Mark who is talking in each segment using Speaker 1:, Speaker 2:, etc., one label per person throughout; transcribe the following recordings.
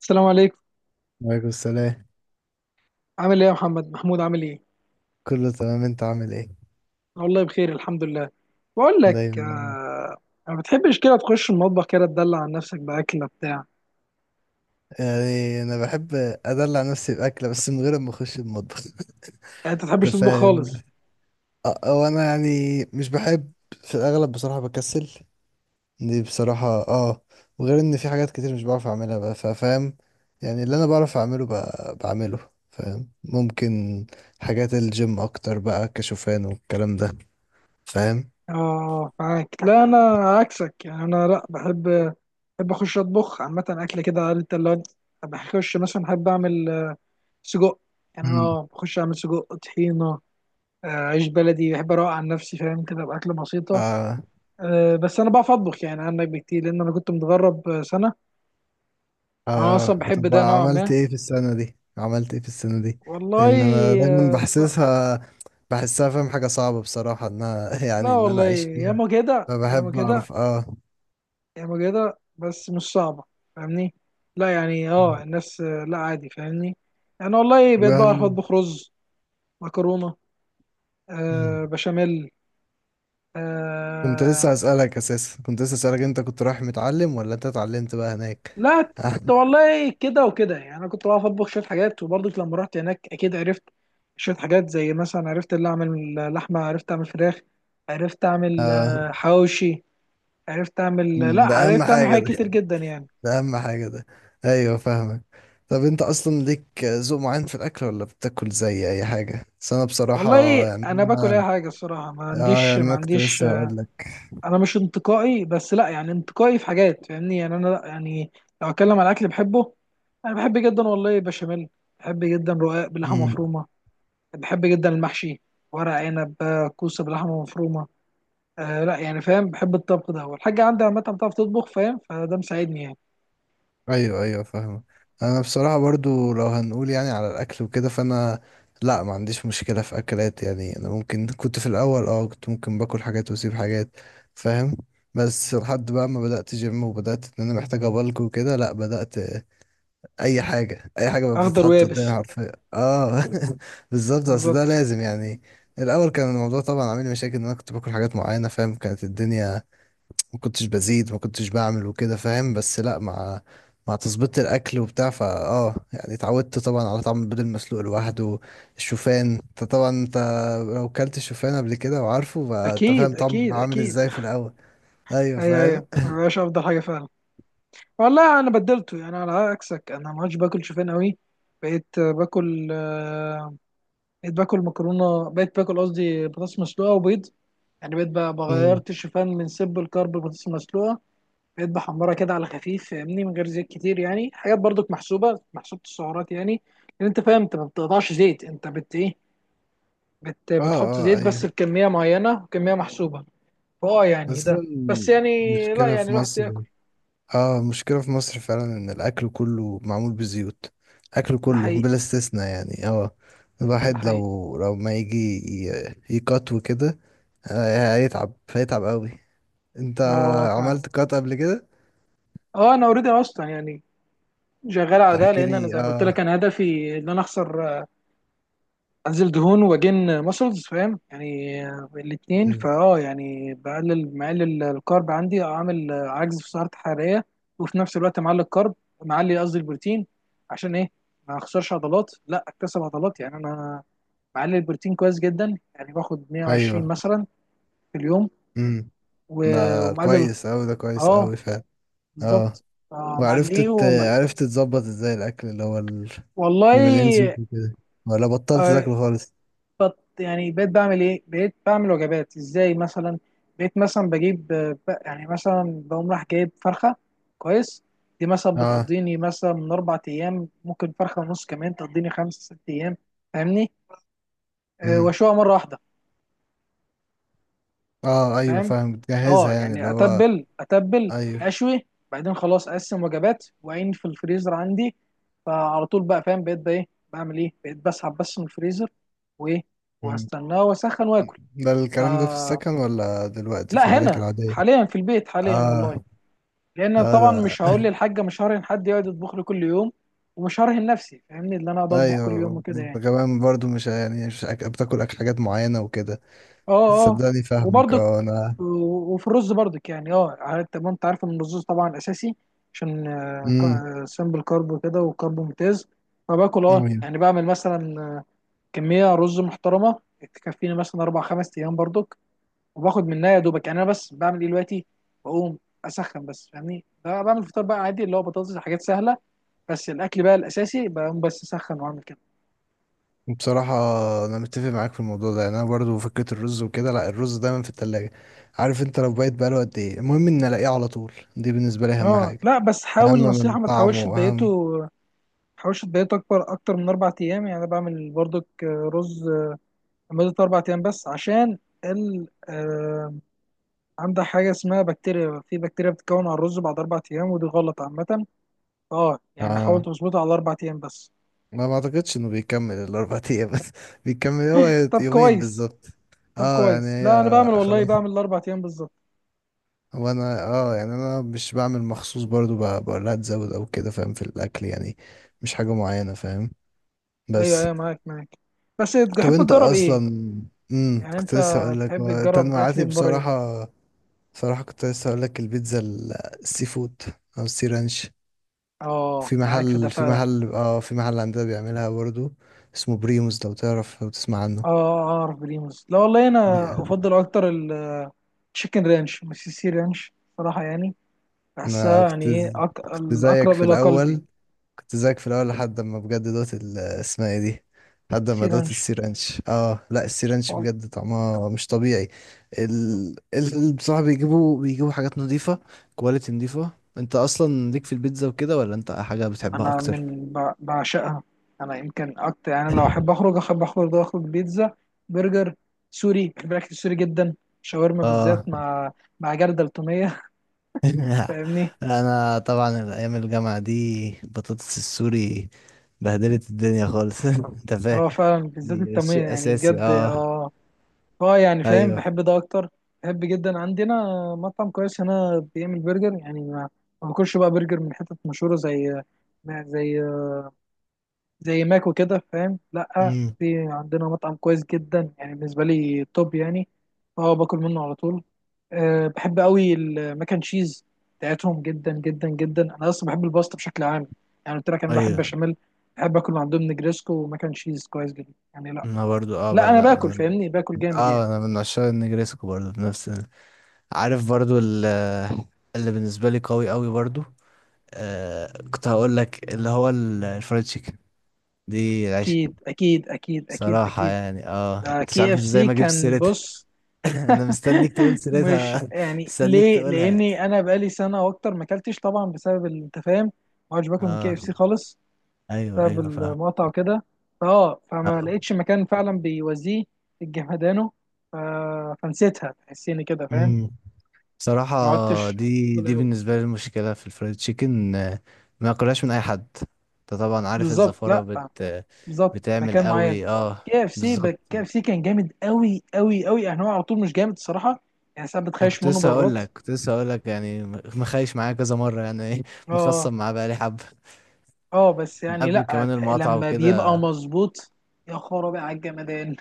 Speaker 1: السلام عليكم.
Speaker 2: وعليكم السلام.
Speaker 1: عامل ايه يا محمد محمود، عامل ايه؟
Speaker 2: كله تمام، انت عامل ايه؟
Speaker 1: أنا والله بخير الحمد لله. بقول لك
Speaker 2: دايما يعني.
Speaker 1: ما بتحبش كده تخش المطبخ كده تدلع عن نفسك باكله بتاع؟
Speaker 2: يعني انا بحب ادلع نفسي باكله بس من غير ما اخش المطبخ
Speaker 1: يعني انت
Speaker 2: انت
Speaker 1: بتحبش تطبخ
Speaker 2: فاهم؟
Speaker 1: خالص؟
Speaker 2: اه، هو انا يعني مش بحب. في الاغلب بصراحه بكسل، دي بصراحه اه. وغير ان في حاجات كتير مش بعرف اعملها بقى، فاهم؟ يعني اللي انا بعرف اعمله بعمله. فاهم؟ ممكن حاجات الجيم اكتر بقى، كشوفان والكلام ده. فاهم؟
Speaker 1: اه معاك. لا انا عكسك يعني. انا لا بحب، بحب اخش اطبخ عامه اكل كده عارف انت اللي هو. بخش مثلا بحب اعمل سجق. يعني انا بخش اعمل سجق طحينه. عيش بلدي بحب اروق عن نفسي فاهم، كده باكل بسيطه.
Speaker 2: امم.
Speaker 1: بس انا بعرف اطبخ يعني عنك بكتير، لان انا كنت متغرب سنه. انا
Speaker 2: اه،
Speaker 1: اصلا بحب
Speaker 2: طب
Speaker 1: ده نوعا
Speaker 2: عملت
Speaker 1: ما
Speaker 2: ايه في السنة دي؟ عملت ايه في السنة دي؟
Speaker 1: والله.
Speaker 2: لان انا دايما
Speaker 1: آه، ب...
Speaker 2: بحسسها، بحسها فاهم حاجة صعبة بصراحة ان أنا
Speaker 1: لا
Speaker 2: يعني ان انا
Speaker 1: والله
Speaker 2: اعيش فيها.
Speaker 1: ياما كده ياما
Speaker 2: فبحب
Speaker 1: كده.
Speaker 2: اعرف اه.
Speaker 1: ياما كده بس مش صعبة فاهمني. لا يعني الناس لا عادي فاهمني. انا والله
Speaker 2: طب
Speaker 1: بقيت بعرف
Speaker 2: هل.
Speaker 1: اطبخ رز، مكرونة،
Speaker 2: مم.
Speaker 1: آه بشاميل.
Speaker 2: كنت لسه
Speaker 1: آه،
Speaker 2: اسألك اساسا، كنت لسه اسألك، انت كنت رايح متعلم ولا انت اتعلمت بقى هناك؟
Speaker 1: لا والله كده وكده يعني. انا كنت بعرف اطبخ شوية حاجات، وبرضك لما رحت هناك اكيد عرفت شوية حاجات. زي مثلا عرفت اللي اعمل لحمة، عرفت اعمل فراخ، عرفت اعمل
Speaker 2: اه.
Speaker 1: حواوشي. عرفت اعمل، لا
Speaker 2: مم، ده اهم
Speaker 1: عرفت اعمل
Speaker 2: حاجة
Speaker 1: حاجات كتير
Speaker 2: ده،
Speaker 1: جدا يعني.
Speaker 2: ده اهم حاجة ده. ايوه فاهمك. طب انت اصلا ليك ذوق معين في الاكل ولا بتاكل زي اي حاجة؟ بس انا بصراحة
Speaker 1: والله
Speaker 2: يعني
Speaker 1: انا باكل اي حاجه الصراحه، ما
Speaker 2: اه،
Speaker 1: عنديش
Speaker 2: يعني
Speaker 1: ما
Speaker 2: انا كنت
Speaker 1: عنديش.
Speaker 2: لسه هقول لك.
Speaker 1: انا مش انتقائي، بس لا يعني انتقائي في حاجات فاهمني، يعني انا لا يعني. لو اتكلم على الاكل بحبه، انا بحب جدا والله بشاميل، بحب جدا رقاق بلحمه
Speaker 2: امم.
Speaker 1: مفرومه، بحب جدا المحشي، ورق عنب، كوسه بلحمه مفرومه. لا يعني فاهم، بحب الطبخ ده، والحاجه عندي عامه بتعرف تطبخ فاهم، فده مساعدني يعني.
Speaker 2: ايوه ايوه فاهمه. انا بصراحه برضو لو هنقول يعني على الاكل وكده فانا لا، ما عنديش مشكله في اكلات. يعني انا ممكن كنت في الاول اه، كنت ممكن باكل حاجات واسيب حاجات فاهم. بس لحد بقى ما بدات جيم وبدات ان انا محتاج ابلك وكده، لا، بدات اي حاجه، اي حاجه بقى
Speaker 1: اخضر
Speaker 2: بتتحط
Speaker 1: ويابس.
Speaker 2: قدامي حرفيا اه. بالظبط، بس ده
Speaker 1: بالظبط.
Speaker 2: لازم يعني. الاول كان الموضوع طبعا عامل لي مشاكل ان انا كنت باكل حاجات معينه فاهم، كانت الدنيا ما كنتش بزيد، ما كنتش بعمل وكده فاهم. بس لا، مع تظبيط الاكل وبتاع فا اه، يعني اتعودت طبعا على طعم البيض المسلوق لوحده. الشوفان انت طبعا انت لو كلت الشوفان قبل كده وعارفه فانت
Speaker 1: اكيد
Speaker 2: فاهم طعم
Speaker 1: اكيد
Speaker 2: عامل
Speaker 1: اكيد.
Speaker 2: ازاي في الاول. ايوه
Speaker 1: ايوه
Speaker 2: فاهم.
Speaker 1: ايوه ما بقاش افضل حاجه فعلا. والله انا بدلته يعني، على عكسك انا ما عادش باكل شوفان قوي. بقيت باكل بقيت باكل مكرونه، بقيت باكل قصدي بطاطس مسلوقه وبيض. يعني بقيت بقى
Speaker 2: مم.
Speaker 1: بغيرت الشوفان من سب الكرب البطاطس المسلوقه. بقيت بحمرها كده على خفيف فاهمني، من غير زيت كتير يعني، حاجات برضك محسوبه، محسوبه السعرات يعني. لان انت فاهم انت ما بتقطعش زيت، انت بت ايه بت
Speaker 2: اه
Speaker 1: بتحط
Speaker 2: اه
Speaker 1: زيت بس
Speaker 2: ايوه.
Speaker 1: بكميه معينه، وكميه محسوبه. يعني
Speaker 2: بس ده
Speaker 1: ده بس يعني. لا
Speaker 2: المشكلة
Speaker 1: يعني
Speaker 2: في
Speaker 1: الواحد بياكل.
Speaker 2: مصر. اه، المشكلة في مصر فعلا ان الاكل كله معمول بزيوت، اكل
Speaker 1: ده
Speaker 2: كله
Speaker 1: حقيقي،
Speaker 2: بلا استثناء يعني اه.
Speaker 1: ده
Speaker 2: الواحد
Speaker 1: حقيقي.
Speaker 2: لو ما يجي يقط وكده هيتعب، هيتعب قوي. انت
Speaker 1: ده فعلا.
Speaker 2: عملت قط قبل كده؟
Speaker 1: اه انا اوريدي اصلا يعني، شغال على ده.
Speaker 2: احكي
Speaker 1: لان انا
Speaker 2: لي
Speaker 1: زي ما قلت لك،
Speaker 2: اه.
Speaker 1: انا هدفي ان انا اخسر انزل دهون واجن ماسلز فاهم يعني، الاتنين.
Speaker 2: مم.
Speaker 1: يعني مقلل الكارب عندي، اعمل عجز في سعرات حراريه. وفي نفس الوقت معلي الكارب، معلي قصدي البروتين. عشان ايه؟ ما اخسرش عضلات، لا اكتسب عضلات يعني. انا معلي البروتين كويس جدا، يعني باخد 120
Speaker 2: ايوه.
Speaker 1: مثلا في اليوم.
Speaker 2: امم. ده
Speaker 1: ومقلل.
Speaker 2: كويس قوي، ده كويس
Speaker 1: اه
Speaker 2: قوي فعلا. اه.
Speaker 1: بالظبط. آه،
Speaker 2: وعرفت
Speaker 1: معليه
Speaker 2: تت-
Speaker 1: وم...
Speaker 2: عرفت تظبط ازاي الاكل اللي هو اللي مليان زيوت
Speaker 1: والله.
Speaker 2: وكده؟ ولا بطلت
Speaker 1: آه،
Speaker 2: تاكله خالص؟
Speaker 1: بط يعني بقيت بعمل ايه؟ بقيت بعمل وجبات ازاي مثلا؟ بقيت مثلا بجيب يعني مثلا بقوم راح جايب فرخه. كويس. دي مثلا
Speaker 2: اه
Speaker 1: بتقضيني مثلا من اربع ايام، ممكن فرخه ونص كمان تقضيني خمس ست ايام فاهمني. أه واشويها مره واحده
Speaker 2: اه ايوه
Speaker 1: فاهم.
Speaker 2: فاهم،
Speaker 1: اه
Speaker 2: بتجهزها يعني اللي
Speaker 1: يعني
Speaker 2: هو.
Speaker 1: اتبل
Speaker 2: ايوه.
Speaker 1: اشوي، بعدين خلاص اقسم وجبات واعين في الفريزر عندي. فعلى طول بقى فاهم، بقيت بقى ايه، بعمل ايه؟ بقيت بسحب بس من الفريزر، وايه،
Speaker 2: مم.
Speaker 1: واستناه واسخن واكل.
Speaker 2: ده
Speaker 1: ف
Speaker 2: الكلام ده في السكن ولا دلوقتي في
Speaker 1: لا
Speaker 2: حياتك
Speaker 1: هنا
Speaker 2: العادية؟
Speaker 1: حاليا، في البيت حاليا والله.
Speaker 2: اه
Speaker 1: لان
Speaker 2: اه،
Speaker 1: طبعا
Speaker 2: ده
Speaker 1: مش هقول للحاجه، مش هرهن حد يقعد يطبخ لي كل يوم. ومش هرهن نفسي فاهمني، اللي انا اقعد اطبخ كل يوم
Speaker 2: ايوه.
Speaker 1: وكده يعني.
Speaker 2: كمان برضو مش يعني مش أك... بتاكل اكل حاجات معينة وكده.
Speaker 1: اه اه.
Speaker 2: صدقني فاهمك
Speaker 1: وبرضك
Speaker 2: اه، انا.
Speaker 1: وفي الرز برضك يعني اه عارف، طب ما انت عارف ان الرز طبعا اساسي، عشان
Speaker 2: امم.
Speaker 1: سمبل كارب وكده، وكارب ممتاز. فباكل اه
Speaker 2: ايوه.
Speaker 1: يعني بعمل مثلا كميه رز محترمه تكفيني مثلا اربع خمس ايام برضك. وباخد منها يا دوبك يعني. انا بس بعمل ايه دلوقتي؟ بقوم اسخن بس فاهمني بقى، بعمل فطار بقى عادي اللي هو بطاطس، حاجات سهله. بس الاكل بقى الاساسي بقوم بس اسخن واعمل كده.
Speaker 2: بصراحة أنا متفق معاك في الموضوع ده. يعني أنا برضو فكرة الرز وكده، لأ الرز دايما في التلاجة. عارف أنت لو بقيت بقاله قد إيه، المهم إن ألاقيه على طول، دي بالنسبة لي أهم
Speaker 1: اه
Speaker 2: حاجة،
Speaker 1: لا بس
Speaker 2: أهم
Speaker 1: حاول،
Speaker 2: من
Speaker 1: نصيحة، ما تحاولش
Speaker 2: طعمه أهم.
Speaker 1: تبيته، ما تحاولش تبيته أكبر أكتر من أربع أيام. يعني أنا بعمل برضك رز لمدة أربع أيام بس. عشان ال آه، عندك حاجة اسمها بكتيريا، في بكتيريا بتتكون على الرز بعد أربع أيام، ودي غلط عامة. اه يعني حاول
Speaker 2: آه،
Speaker 1: تظبطها على أربع أيام بس.
Speaker 2: ما ما اعتقدش انه بيكمل الاربع ايام، بس بيكمل هو
Speaker 1: طب
Speaker 2: يومين
Speaker 1: كويس.
Speaker 2: بالظبط.
Speaker 1: طب
Speaker 2: اه يعني
Speaker 1: كويس، لا انا بعمل
Speaker 2: هي
Speaker 1: والله،
Speaker 2: خلاص.
Speaker 1: بعمل الاربع ايام بالظبط.
Speaker 2: وانا اه يعني انا مش بعمل مخصوص برضو، بقول لها تزود او كده فاهم، في الاكل يعني. مش حاجة معينة فاهم.
Speaker 1: ايوه
Speaker 2: بس.
Speaker 1: ايوه معاك معاك. بس
Speaker 2: طب
Speaker 1: تحب
Speaker 2: انت
Speaker 1: تجرب
Speaker 2: اصلا.
Speaker 1: ايه؟
Speaker 2: امم،
Speaker 1: يعني
Speaker 2: كنت
Speaker 1: انت
Speaker 2: لسه اقول لك
Speaker 1: تحب
Speaker 2: هو
Speaker 1: تجرب اكل
Speaker 2: تنوعاتي
Speaker 1: من بره ايه؟
Speaker 2: بصراحة. بصراحة كنت لسه اقول لك البيتزا السي فود، او السي رانش.
Speaker 1: اه
Speaker 2: في
Speaker 1: معاك في ده
Speaker 2: محل، في
Speaker 1: فعلا.
Speaker 2: محل اه، في محل عندنا بيعملها برضو، اسمه بريموس، لو تعرف، لو تسمع عنه.
Speaker 1: اه اعرف بريموس. لا والله انا افضل اكتر التشيكن رانش، مش السي رانش صراحه يعني.
Speaker 2: انا
Speaker 1: بحسها يعني ايه،
Speaker 2: كنت زيك
Speaker 1: الاقرب
Speaker 2: في
Speaker 1: الى قلبي.
Speaker 2: الاول، كنت زيك في الاول لحد ما بجد دوت اسمها ايه دي، لحد
Speaker 1: سي
Speaker 2: ما دوت
Speaker 1: رانش.
Speaker 2: السيرانش. اه لا، السيرانش بجد طعمها مش طبيعي. بصراحة بيجيبوا حاجات نظيفة، كواليتي نظيفة. انت اصلا ليك في البيتزا وكده، ولا انت حاجة بتحبها
Speaker 1: انا
Speaker 2: اكتر؟
Speaker 1: بعشقها. انا يمكن اكتر يعني، لو احب اخرج احب اخرج، اخرج بيتزا، برجر، سوري، بحب الاكل السوري جدا، شاورما
Speaker 2: اه
Speaker 1: بالذات مع مع جردل التوميه. فاهمني.
Speaker 2: انا طبعا الايام الجامعة دي البطاطس السوري بهدلت الدنيا خالص انت فاهم.
Speaker 1: هو فعلا بالذات
Speaker 2: دي
Speaker 1: التوميه
Speaker 2: شيء
Speaker 1: يعني
Speaker 2: اساسي
Speaker 1: بجد
Speaker 2: اه.
Speaker 1: اه. اه يعني فاهم،
Speaker 2: ايوه.
Speaker 1: بحب ده اكتر. بحب جدا عندنا مطعم كويس هنا بيعمل برجر يعني، ما ما باكلش بقى برجر من حتت مشهوره زي زي زي ماكو كده فاهم. لا
Speaker 2: امم.
Speaker 1: في عندنا مطعم كويس جدا، يعني بالنسبه لي توب يعني. اه باكل منه على طول. أه بحب قوي المكن تشيز بتاعتهم، جدا جدا جدا. انا اصلا بحب الباستا بشكل عام، يعني قلت لك انا بحب
Speaker 2: ايوه.
Speaker 1: بشاميل. بحب اكل من عندهم نجريسكو ومكن تشيز كويس جدا يعني، لا.
Speaker 2: انا برضو اه
Speaker 1: لا
Speaker 2: بقى،
Speaker 1: انا
Speaker 2: لا انا
Speaker 1: باكل
Speaker 2: من
Speaker 1: فاهمني، باكل جامد يعني.
Speaker 2: اه، انا من عشاق النجريسكو برضو، بنفس عارف برضو اللي بالنسبه لي قوي قوي برضو. آه كنت هقول لك اللي هو الفرايد تشيكن، دي العيش
Speaker 1: اكيد اكيد اكيد اكيد اكيد
Speaker 2: صراحه
Speaker 1: اكيد.
Speaker 2: يعني. اه، انت مش
Speaker 1: كي
Speaker 2: عارف
Speaker 1: اف
Speaker 2: ازاي
Speaker 1: سي
Speaker 2: ما جبتش
Speaker 1: كان
Speaker 2: سيرتها.
Speaker 1: بص.
Speaker 2: انا مستنيك تقول
Speaker 1: مش
Speaker 2: سيرتها،
Speaker 1: يعني
Speaker 2: مستنيك
Speaker 1: ليه،
Speaker 2: تقولها يعني.
Speaker 1: لاني انا بقالي سنه واكتر ما اكلتش طبعا بسبب انت فاهم. ما عادش باكل من كي اف
Speaker 2: اه
Speaker 1: سي خالص،
Speaker 2: ايوه
Speaker 1: بسبب
Speaker 2: ايوه فاهم.
Speaker 1: المقاطعه وكده. فما لقيتش مكان فعلا بيوازيه الجمدانو. ف- فنسيتها تحسيني كده فاهم.
Speaker 2: اه. صراحة،
Speaker 1: ما عدتش
Speaker 2: دي
Speaker 1: باكل
Speaker 2: دي
Speaker 1: أوي.
Speaker 2: بالنسبة لي المشكلة في الفرايد تشيكن ما اكلهاش من اي حد. انت طبعا عارف
Speaker 1: بالظبط،
Speaker 2: الزفارة بت
Speaker 1: لا بالظبط
Speaker 2: بتعمل
Speaker 1: مكان معين.
Speaker 2: قوي اه. بالظبط.
Speaker 1: كي اف سي كان جامد قوي قوي قوي يعني، هو على طول مش جامد الصراحه. يعني ساعات
Speaker 2: ما
Speaker 1: بتخيش
Speaker 2: كنت
Speaker 1: منه
Speaker 2: لسه هقول
Speaker 1: برات.
Speaker 2: لك، كنت لسه هقول لك، يعني مخايش معايا كذا مرة يعني ايه
Speaker 1: اه
Speaker 2: مخصم معاه بقالي حبة،
Speaker 1: اه، بس
Speaker 2: من
Speaker 1: يعني
Speaker 2: قبل
Speaker 1: لا،
Speaker 2: كمان المقاطعة
Speaker 1: لما بيبقى
Speaker 2: وكده.
Speaker 1: مظبوط. يا خرابي على الجمدان.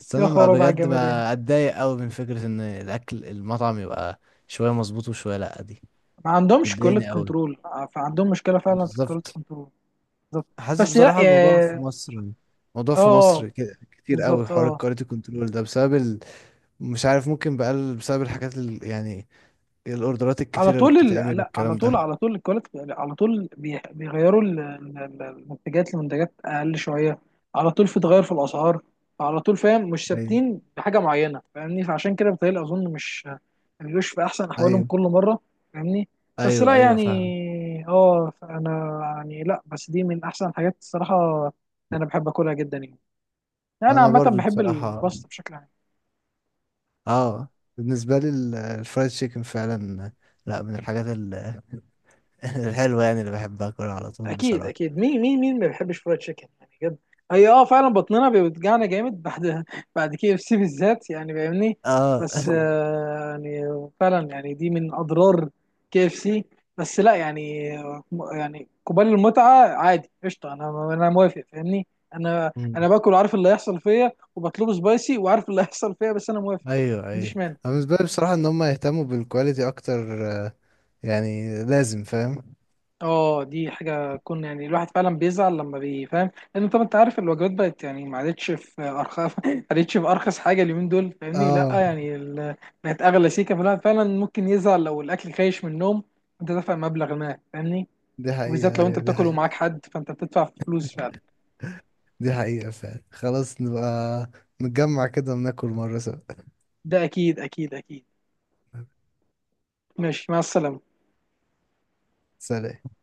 Speaker 2: بس
Speaker 1: يا
Speaker 2: انا ما
Speaker 1: خرابي على
Speaker 2: بجد
Speaker 1: الجمدان.
Speaker 2: ما اتضايق قوي من فكرة ان الاكل المطعم يبقى شوية مظبوط وشوية لأ، دي
Speaker 1: ما عندهمش
Speaker 2: بتضايقني
Speaker 1: كواليتي
Speaker 2: قوي.
Speaker 1: كنترول. فعندهم مشكله فعلا في الكواليتي
Speaker 2: بالظبط.
Speaker 1: كنترول. بالظبط.
Speaker 2: حاسس
Speaker 1: بس لا
Speaker 2: بصراحة الموضوع في
Speaker 1: يا.
Speaker 2: مصر، الموضوع في مصر
Speaker 1: اه
Speaker 2: كتير قوي
Speaker 1: بالظبط
Speaker 2: حوار
Speaker 1: اه.
Speaker 2: الكواليتي كنترول ده بسبب مش عارف، ممكن بقى بسبب الحاجات يعني الاوردرات
Speaker 1: على
Speaker 2: الكتيرة اللي
Speaker 1: طول
Speaker 2: بتتعمل
Speaker 1: لا على
Speaker 2: والكلام
Speaker 1: طول،
Speaker 2: ده.
Speaker 1: على طول الكواليتي يعني، على طول بيغيروا المنتجات لمنتجات اقل شويه. على طول في تغير في الاسعار، على طول فاهم. مش
Speaker 2: ايوه
Speaker 1: ثابتين بحاجه معينه فاهمني، فعشان كده بتهيألي اظن مش ما بيبقوش في احسن احوالهم
Speaker 2: ايوه
Speaker 1: كل مره فاهمني. بس
Speaker 2: ايوه
Speaker 1: لا
Speaker 2: ايوه فاهم.
Speaker 1: يعني اه انا يعني لا، بس دي من احسن الحاجات الصراحه، انا بحب اكلها جدا يعني. انا
Speaker 2: انا
Speaker 1: عامه
Speaker 2: برضو
Speaker 1: بحب
Speaker 2: بصراحة
Speaker 1: الباستا بشكل عام.
Speaker 2: اه، بالنسبة لي الفرايد تشيكن فعلا لا، من الحاجات الحلوة يعني، اللي بحبها اكلها على طول
Speaker 1: اكيد
Speaker 2: بصراحة.
Speaker 1: اكيد. مين مين مين ما بيحبش فرايد تشيكن يعني بجد؟ هي اه فعلا بطننا بيوجعنا جامد بعد بعد كي اف سي بالذات يعني فاهمني.
Speaker 2: اه
Speaker 1: بس يعني فعلا يعني، دي من اضرار كي اف سي. بس لا يعني يعني قبال المتعه عادي قشطه، انا انا موافق فاهمني. انا
Speaker 2: مم.
Speaker 1: انا باكل عارف اللي هيحصل فيا، وبطلبه سبايسي وعارف اللي هيحصل فيا، بس انا موافق
Speaker 2: ايوه
Speaker 1: ما
Speaker 2: ايوه.
Speaker 1: عنديش مانع.
Speaker 2: أنا بالنسبة لي بصراحة ان هم يهتموا بالكواليتي اكتر يعني لازم فاهم.
Speaker 1: اه دي حاجة تكون يعني، الواحد فعلا بيزعل لما بيفهم. لأن طبعا أنت عارف الوجبات بقت يعني، ما عادتش في أرخص ما عادتش في أرخص حاجة اليومين دول فاهمني. لأ
Speaker 2: اه،
Speaker 1: يعني بقت أغلى سيكة، فالواحد فعلا ممكن يزعل لو الأكل خايش من النوم. أنت دافع مبلغ ما فاهمني.
Speaker 2: دي
Speaker 1: وبالذات
Speaker 2: حقيقة
Speaker 1: لو
Speaker 2: أيوة،
Speaker 1: أنت
Speaker 2: دي
Speaker 1: بتاكل
Speaker 2: حقيقة.
Speaker 1: ومعاك حد، فأنت بتدفع فلوس فعلا.
Speaker 2: دي حقيقة فعلا. خلاص نبقى نتجمع كده وناكل مرة سوا.
Speaker 1: ده أكيد أكيد أكيد. ماشي، مع السلامة.
Speaker 2: سلام.